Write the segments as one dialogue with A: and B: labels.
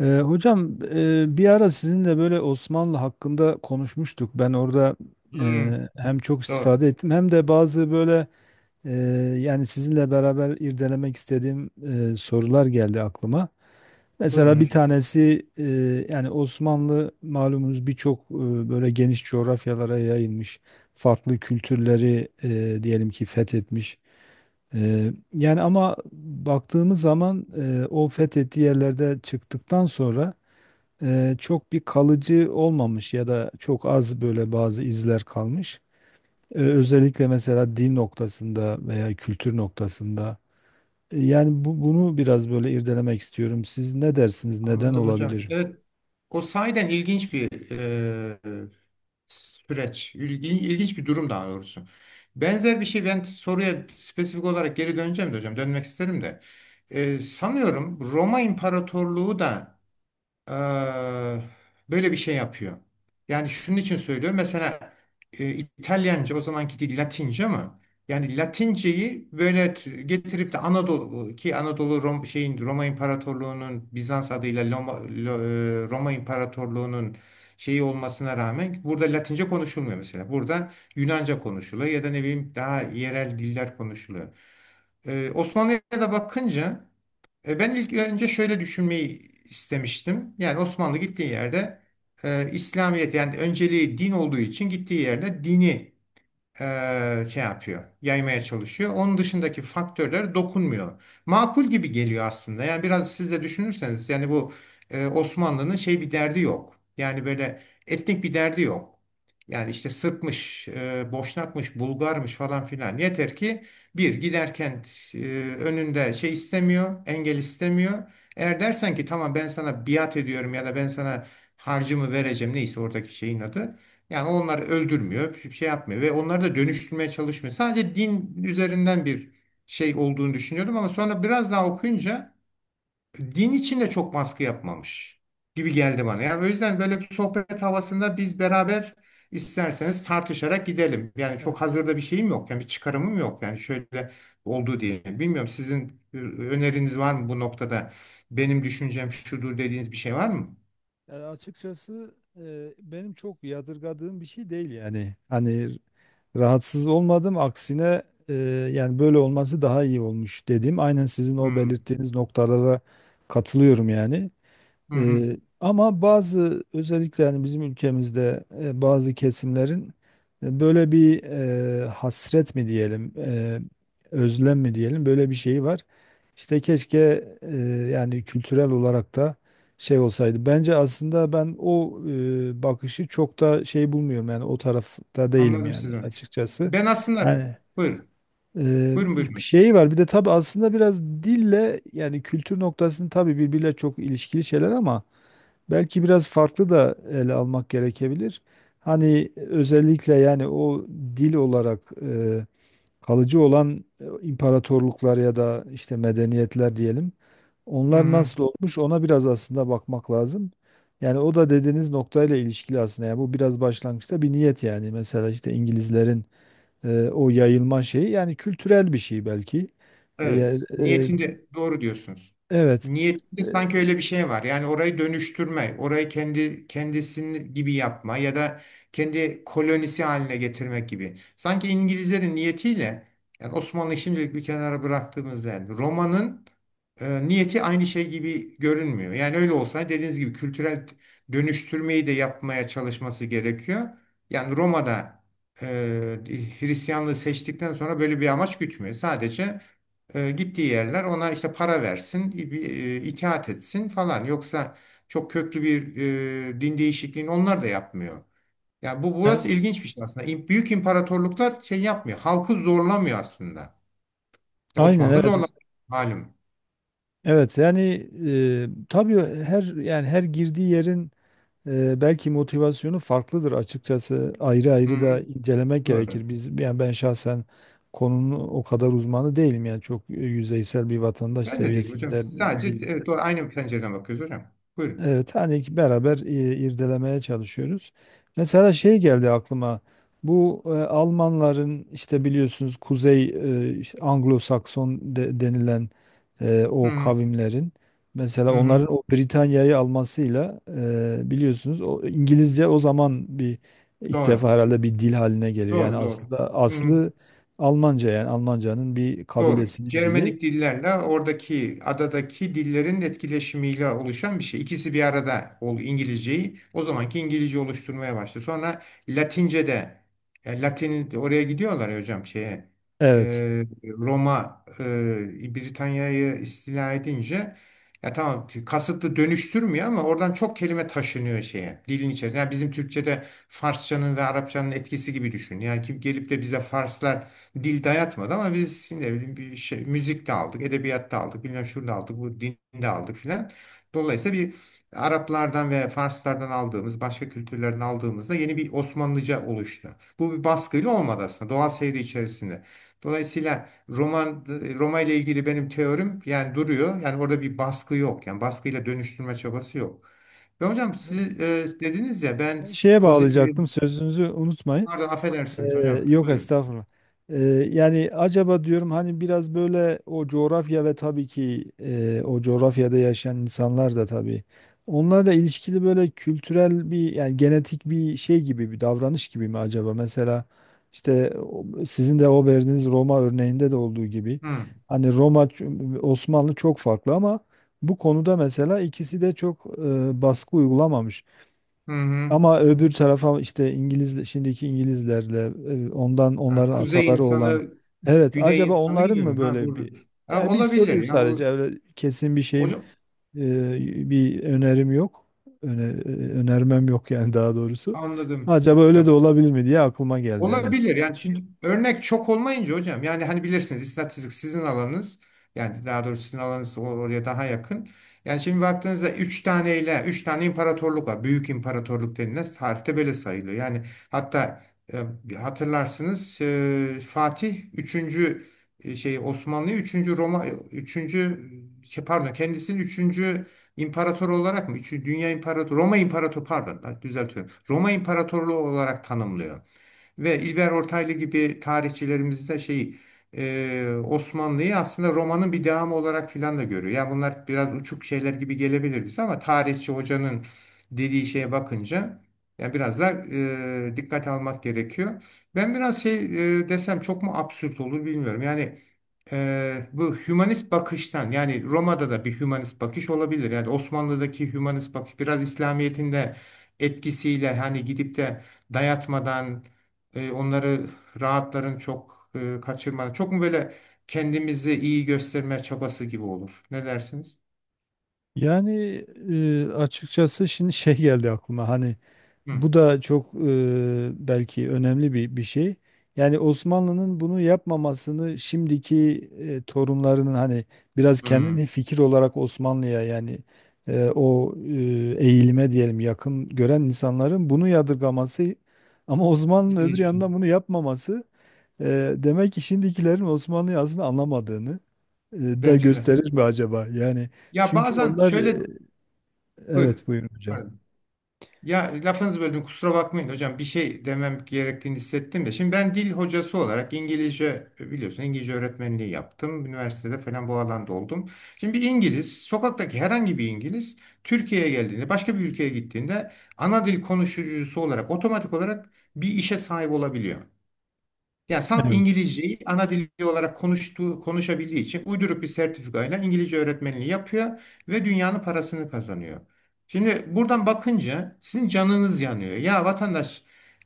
A: Hocam, bir ara sizinle böyle Osmanlı hakkında konuşmuştuk. Ben orada
B: Hmm,
A: hem çok
B: doğru.
A: istifade ettim hem de bazı böyle e, yani sizinle beraber irdelemek istediğim sorular geldi aklıma.
B: Buyurun
A: Mesela bir
B: hocam.
A: tanesi yani Osmanlı malumunuz birçok böyle geniş coğrafyalara yayılmış. Farklı kültürleri diyelim ki fethetmiş. Yani ama baktığımız zaman o fethettiği yerlerde çıktıktan sonra çok bir kalıcı olmamış ya da çok az böyle bazı izler kalmış. Özellikle mesela dil noktasında veya kültür noktasında. Yani bunu biraz böyle irdelemek istiyorum. Siz ne dersiniz? Neden
B: Anladım hocam.
A: olabilir?
B: Evet. O sahiden ilginç bir süreç. İlginç bir durum daha doğrusu. Benzer bir şey ben soruya spesifik olarak geri döneceğim de hocam. Dönmek isterim de. Sanıyorum Roma İmparatorluğu da eee, böyle bir şey yapıyor. Yani şunun için söylüyorum. Mesela İtalyanca o zamanki dil Latince, ama yani Latinceyi böyle getirip de Anadolu, ki Anadolu Roma İmparatorluğu'nun Bizans adıyla Roma İmparatorluğu'nun şeyi olmasına rağmen burada Latince konuşulmuyor mesela. Burada Yunanca konuşuluyor ya da ne bileyim daha yerel diller konuşuluyor. Osmanlı'ya da bakınca ben ilk önce şöyle düşünmeyi istemiştim. Yani Osmanlı gittiği yerde İslamiyet, yani önceliği din olduğu için gittiği yerde dini şey yapıyor, yaymaya çalışıyor. Onun dışındaki faktörler dokunmuyor. Makul gibi geliyor aslında. Yani biraz siz de düşünürseniz yani bu Osmanlı'nın şey bir derdi yok. Yani böyle etnik bir derdi yok. Yani işte Sırpmış, Boşnakmış, Bulgarmış falan filan. Yeter ki bir giderken önünde şey istemiyor, engel istemiyor. Eğer dersen ki tamam ben sana biat ediyorum ya da ben sana harcımı vereceğim, neyse oradaki şeyin adı. Yani onları öldürmüyor, bir şey yapmıyor ve onları da dönüştürmeye çalışmıyor. Sadece din üzerinden bir şey olduğunu düşünüyordum ama sonra biraz daha okuyunca din içinde çok baskı yapmamış gibi geldi bana. Yani o yüzden böyle bir sohbet havasında biz beraber isterseniz tartışarak gidelim. Yani çok
A: Evet.
B: hazırda bir şeyim yok. Yani bir çıkarımım yok. Yani şöyle oldu diye. Bilmiyorum, sizin öneriniz var mı bu noktada? Benim düşüncem şudur dediğiniz bir şey var mı?
A: Yani açıkçası benim çok yadırgadığım bir şey değil yani. Hani rahatsız olmadım aksine e, yani böyle olması daha iyi olmuş dediğim aynen sizin o
B: Hmm.
A: belirttiğiniz noktalara katılıyorum yani.
B: Hı hı.
A: Ama bazı özellikle yani bizim ülkemizde bazı kesimlerin böyle bir hasret mi diyelim, özlem mi diyelim böyle bir şeyi var. İşte keşke yani kültürel olarak da şey olsaydı. Bence aslında ben o bakışı çok da şey bulmuyorum yani o tarafta değilim
B: Anladım
A: yani
B: sizi.
A: açıkçası.
B: Ben aslında
A: Yani
B: buyurun. Buyurun.
A: bir
B: Hocam.
A: şey var. Bir de tabii aslında biraz dille yani kültür noktasını tabii birbiriyle çok ilişkili şeyler ama belki biraz farklı da ele almak gerekebilir. Hani özellikle yani o dil olarak kalıcı olan imparatorluklar ya da işte medeniyetler diyelim.
B: Hı
A: Onlar
B: hı.
A: nasıl olmuş ona biraz aslında bakmak lazım. Yani o da dediğiniz noktayla ilişkili aslında. Yani bu biraz başlangıçta bir niyet yani. Mesela işte İngilizlerin o yayılma şeyi yani kültürel bir şey belki. E, ya-
B: Evet.
A: e,
B: Niyetinde doğru diyorsunuz.
A: evet.
B: Niyetinde sanki
A: E,
B: öyle bir şey var. Yani orayı dönüştürme, orayı kendi kendisini gibi yapma ya da kendi kolonisi haline getirmek gibi. Sanki İngilizlerin niyetiyle, yani Osmanlı'yı şimdilik bir kenara bıraktığımızda, yani Roma'nın niyeti aynı şey gibi görünmüyor. Yani öyle olsa dediğiniz gibi kültürel dönüştürmeyi de yapmaya çalışması gerekiyor. Yani Roma'da e, Hristiyanlığı seçtikten sonra böyle bir amaç gütmüyor. Sadece gittiği yerler ona işte para versin, bir, itaat etsin falan. Yoksa çok köklü bir din değişikliğini onlar da yapmıyor. Yani bu burası
A: Evet.
B: ilginç bir şey aslında. Büyük imparatorluklar şey yapmıyor. Halkı zorlamıyor aslında. Ya
A: Aynen
B: Osmanlı da
A: evet.
B: zorlamıyor malum.
A: Evet yani tabii her yani her girdiği yerin belki motivasyonu farklıdır açıkçası. Ayrı
B: Hı
A: ayrı
B: hı,
A: da incelemek
B: doğru.
A: gerekir. Biz yani ben şahsen konunun o kadar uzmanı değilim yani çok yüzeysel bir vatandaş
B: Ben de değil hocam.
A: seviyesinde
B: Sadece
A: bilgi.
B: evet, doğru. Aynı pencereden bakıyoruz hocam. Buyurun.
A: Evet, hani ki beraber irdelemeye çalışıyoruz. Mesela şey geldi aklıma. Bu Almanların işte biliyorsunuz Kuzey işte Anglo-Sakson denilen
B: Hı
A: o
B: hı,
A: kavimlerin mesela
B: hı hı.
A: onların o Britanya'yı almasıyla biliyorsunuz o İngilizce o zaman bir ilk
B: Doğru.
A: defa herhalde bir dil haline geliyor. Yani
B: Doğru.
A: aslında
B: Hı hı.
A: aslı Almanca yani Almanca'nın bir
B: Doğru.
A: kabilesinin dili.
B: Cermenik dillerle oradaki adadaki dillerin etkileşimiyle oluşan bir şey. İkisi bir arada ol İngilizceyi o zamanki İngilizce oluşturmaya başladı. Sonra Latince de Latin oraya gidiyorlar ya hocam şeye, e,
A: Evet.
B: Roma Britanya'yı istila edince, ya tamam kasıtlı dönüştürmüyor ama oradan çok kelime taşınıyor şeye, dilin içerisine. Yani bizim Türkçe'de Farsçanın ve Arapçanın etkisi gibi düşün. Yani kim gelip de bize Farslar dil dayatmadı, ama biz şimdi ne bileyim bir şey müzikte aldık, edebiyatta aldık, bilmem şurada aldık, bu dinde aldık filan. Dolayısıyla bir Araplardan ve Farslardan aldığımız, başka kültürlerden aldığımızda yeni bir Osmanlıca oluştu. Bu bir baskıyla olmadı aslında, doğal seyri içerisinde. Dolayısıyla Roma ile ilgili benim teorim yani duruyor. Yani orada bir baskı yok. Yani baskıyla dönüştürme çabası yok. Ve hocam siz
A: Evet.
B: dediniz ya, ben
A: Ben şeye
B: pozitif
A: bağlayacaktım sözünüzü unutmayın.
B: pardon
A: Ee,
B: affedersiniz hocam.
A: yok
B: Buyurun.
A: estağfurullah. Ee, yani acaba diyorum hani biraz böyle o coğrafya ve tabii ki o coğrafyada yaşayan insanlar da tabii onlarla ilişkili böyle kültürel bir yani genetik bir şey gibi bir davranış gibi mi acaba? Mesela işte sizin de o verdiğiniz Roma örneğinde de olduğu gibi
B: Hı
A: hani Roma Osmanlı çok farklı ama bu konuda mesela ikisi de çok baskı uygulamamış.
B: hı. Hı.
A: Ama öbür tarafa işte İngiliz şimdiki İngilizlerle ondan
B: Ha,
A: onların
B: kuzey
A: ataları olan
B: insanı,
A: evet
B: güney
A: acaba
B: insanı
A: onların
B: gibi
A: mı
B: mi? Ha
A: böyle
B: burada.
A: bir
B: Ha,
A: yani bir
B: olabilir
A: soruyu
B: ya.
A: sadece öyle kesin bir şeyim
B: O-
A: bir önerim yok. Önermem yok yani daha doğrusu.
B: anladım.
A: Acaba öyle de
B: Ya
A: olabilir mi diye aklıma geldi. Evet.
B: olabilir. Yani şimdi örnek çok olmayınca hocam, yani hani bilirsiniz istatistik sizin alanınız, yani daha doğrusu sizin alanınız oraya daha yakın. Yani şimdi baktığınızda 3 tane ile 3 tane imparatorluk var. Büyük imparatorluk denilen tarihte böyle sayılıyor. Yani hatta hatırlarsınız Fatih 3. şey Osmanlı üçüncü Roma üçüncü şey, pardon, kendisini üçüncü imparator olarak mı? Üçüncü dünya imparatoru Roma imparatoru, pardon düzeltiyorum, Roma imparatorluğu olarak tanımlıyor. Ve İlber Ortaylı gibi tarihçilerimiz de şey Osmanlı'yı aslında romanın bir devamı olarak filan da görüyor. Yani bunlar biraz uçuk şeyler gibi gelebilir bize ama tarihçi hocanın dediği şeye bakınca yani biraz da dikkat almak gerekiyor. Ben biraz şey desem çok mu absürt olur bilmiyorum. Yani bu hümanist bakıştan, yani Roma'da da bir hümanist bakış olabilir. Yani Osmanlı'daki hümanist bakış biraz İslamiyet'in de etkisiyle hani gidip de dayatmadan onları rahatların çok kaçırmadan. Çok mu böyle kendimizi iyi gösterme çabası gibi olur? Ne dersiniz?
A: Yani açıkçası şimdi şey geldi aklıma. Hani
B: Hı.
A: bu da çok belki önemli bir şey. Yani Osmanlı'nın bunu yapmamasını şimdiki torunlarının hani biraz
B: Hı.
A: kendini fikir olarak Osmanlı'ya yani o eğilime diyelim yakın gören insanların bunu yadırgaması ama Osmanlı'nın
B: İlginç
A: öbür
B: bir şey.
A: yandan bunu yapmaması demek ki şimdikilerin Osmanlı'yı aslında anlamadığını e, da
B: Bence de.
A: gösterir mi acaba? Yani
B: Ya
A: çünkü
B: bazen
A: onlar.
B: şöyle
A: Evet,
B: buyurun.
A: buyurun hocam.
B: Ya lafınızı böldüm, kusura bakmayın hocam, bir şey demem gerektiğini hissettim de. Şimdi ben dil hocası olarak İngilizce biliyorsun, İngilizce öğretmenliği yaptım. Üniversitede falan bu alanda oldum. Şimdi bir İngiliz, sokaktaki herhangi bir İngiliz Türkiye'ye geldiğinde, başka bir ülkeye gittiğinde ana dil konuşucusu olarak otomatik olarak bir işe sahip olabiliyor. Yani salt
A: Evet.
B: İngilizceyi ana dili olarak konuştuğu, konuşabildiği için uyduruk bir sertifikayla İngilizce öğretmenliği yapıyor ve dünyanın parasını kazanıyor. Şimdi buradan bakınca sizin canınız yanıyor. Ya vatandaş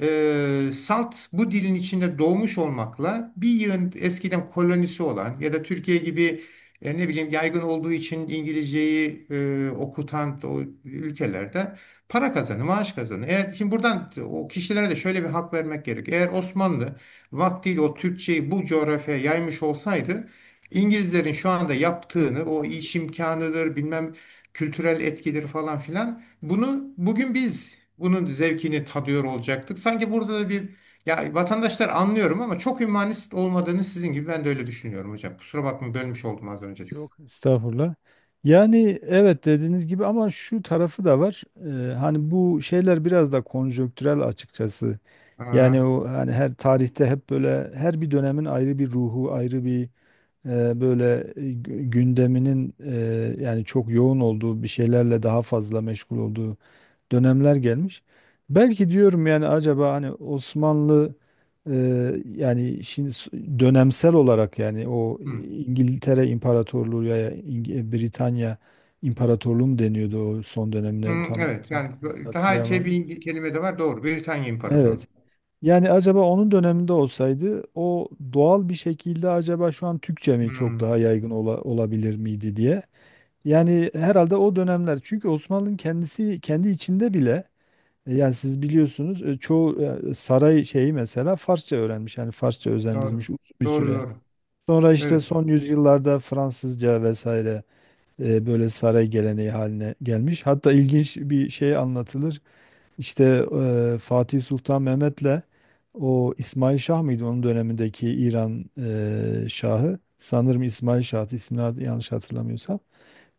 B: salt bu dilin içinde doğmuş olmakla bir yığın, eskiden kolonisi olan ya da Türkiye gibi ne bileyim yaygın olduğu için İngilizceyi okutan o ülkelerde para kazanı, maaş kazanı. Eğer, şimdi buradan o kişilere de şöyle bir hak vermek gerek. Eğer Osmanlı vaktiyle o Türkçeyi bu coğrafyaya yaymış olsaydı, İngilizlerin şu anda yaptığını, o iş imkanıdır bilmem kültürel etkidir falan filan, bunu bugün biz bunun zevkini tadıyor olacaktık. Sanki burada da bir, ya vatandaşlar, anlıyorum ama çok hümanist olmadığını sizin gibi ben de öyle düşünüyorum hocam. Kusura bakmayın, bölmüş oldum az önce sizi.
A: Yok estağfurullah. Yani evet dediğiniz gibi ama şu tarafı da var. Hani bu şeyler biraz da konjonktürel açıkçası. Yani
B: Aa,
A: o hani her tarihte hep böyle her bir dönemin ayrı bir ruhu, ayrı bir böyle gündeminin yani çok yoğun olduğu bir şeylerle daha fazla meşgul olduğu dönemler gelmiş. Belki diyorum yani acaba hani Osmanlı e, yani şimdi dönemsel olarak yani o
B: hı.
A: İngiltere İmparatorluğu ya Britanya İmparatorluğu mu deniyordu o son dönemine
B: Hı,
A: tam
B: evet yani daha şey
A: hatırlayamam.
B: bir kelime de var doğru. Britanya
A: Evet.
B: İmparatoru.
A: Yani acaba onun döneminde olsaydı o doğal bir şekilde acaba şu an Türkçe mi çok
B: Hı,
A: daha yaygın olabilir miydi diye. Yani herhalde o dönemler çünkü Osmanlı'nın kendisi kendi içinde bile yani siz biliyorsunuz çoğu saray şeyi mesela Farsça öğrenmiş. Yani Farsça özendirilmiş
B: doğru.
A: uzun bir
B: Doğru
A: süre.
B: doğru.
A: Sonra işte
B: Evet.
A: son yüzyıllarda Fransızca vesaire böyle saray geleneği haline gelmiş. Hatta ilginç bir şey anlatılır. İşte Fatih Sultan Mehmet'le o İsmail Şah mıydı onun dönemindeki İran şahı? Sanırım İsmail Şah, ismini yanlış hatırlamıyorsam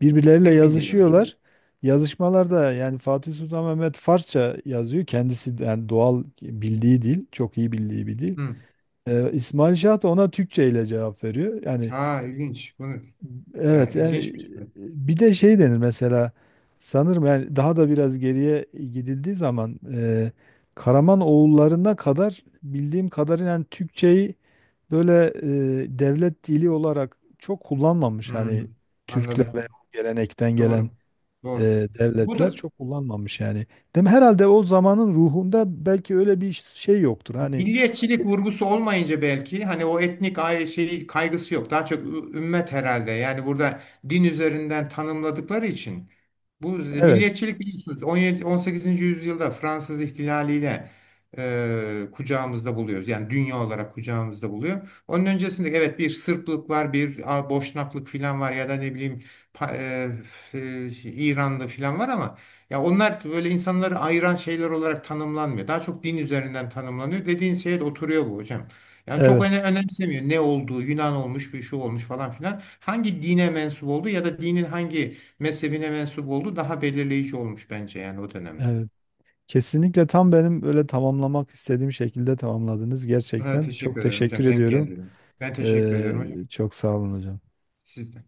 A: birbirleriyle
B: Emin değilim hocam.
A: yazışıyorlar. Yazışmalarda yani Fatih Sultan Mehmet Farsça yazıyor. Kendisi de yani doğal bildiği dil, çok iyi bildiği bir dil.
B: Hı.
A: İsmail Şah da ona Türkçe ile cevap veriyor. Yani
B: Ha ilginç. Bunu ya
A: evet yani
B: ilginçmiş bu.
A: bir de şey denir mesela sanırım yani daha da biraz geriye gidildiği zaman Karaman oğullarına kadar bildiğim kadarıyla yani Türkçeyi böyle devlet dili olarak çok kullanmamış
B: Hmm,
A: hani Türkler
B: anladım.
A: ve o gelenekten gelen
B: Doğru. Doğru. Bu
A: devletler
B: da
A: çok kullanmamış yani. Değil mi? Herhalde o zamanın ruhunda belki öyle bir şey yoktur. Hani
B: milliyetçilik vurgusu olmayınca belki hani o etnik şeyi kaygısı yok. Daha çok ümmet herhalde. Yani burada din üzerinden tanımladıkları için bu
A: evet,
B: milliyetçilik, biliyorsunuz, 17 18. yüzyılda Fransız ihtilaliyle kucağımızda buluyoruz. Yani dünya olarak kucağımızda buluyor. Onun öncesinde evet bir Sırplık var, bir Boşnaklık filan var ya da ne bileyim pa- e, İranlı filan var ama ya onlar böyle insanları ayıran şeyler olarak tanımlanmıyor. Daha çok din üzerinden tanımlanıyor. Dediğin şeye de oturuyor bu hocam. Yani çok öne
A: evet,
B: önemsemiyor ne olduğu, Yunan olmuş, bir şu olmuş falan filan. Hangi dine mensup olduğu ya da dinin hangi mezhebine mensup olduğu daha belirleyici olmuş bence yani o dönemde.
A: evet. Kesinlikle tam benim öyle tamamlamak istediğim şekilde tamamladınız.
B: Ha,
A: Gerçekten çok
B: teşekkür ederim
A: teşekkür
B: hocam. Denk
A: ediyorum.
B: geldi. Ben teşekkür
A: Ee,
B: ederim hocam.
A: çok sağ olun hocam.
B: Siz de.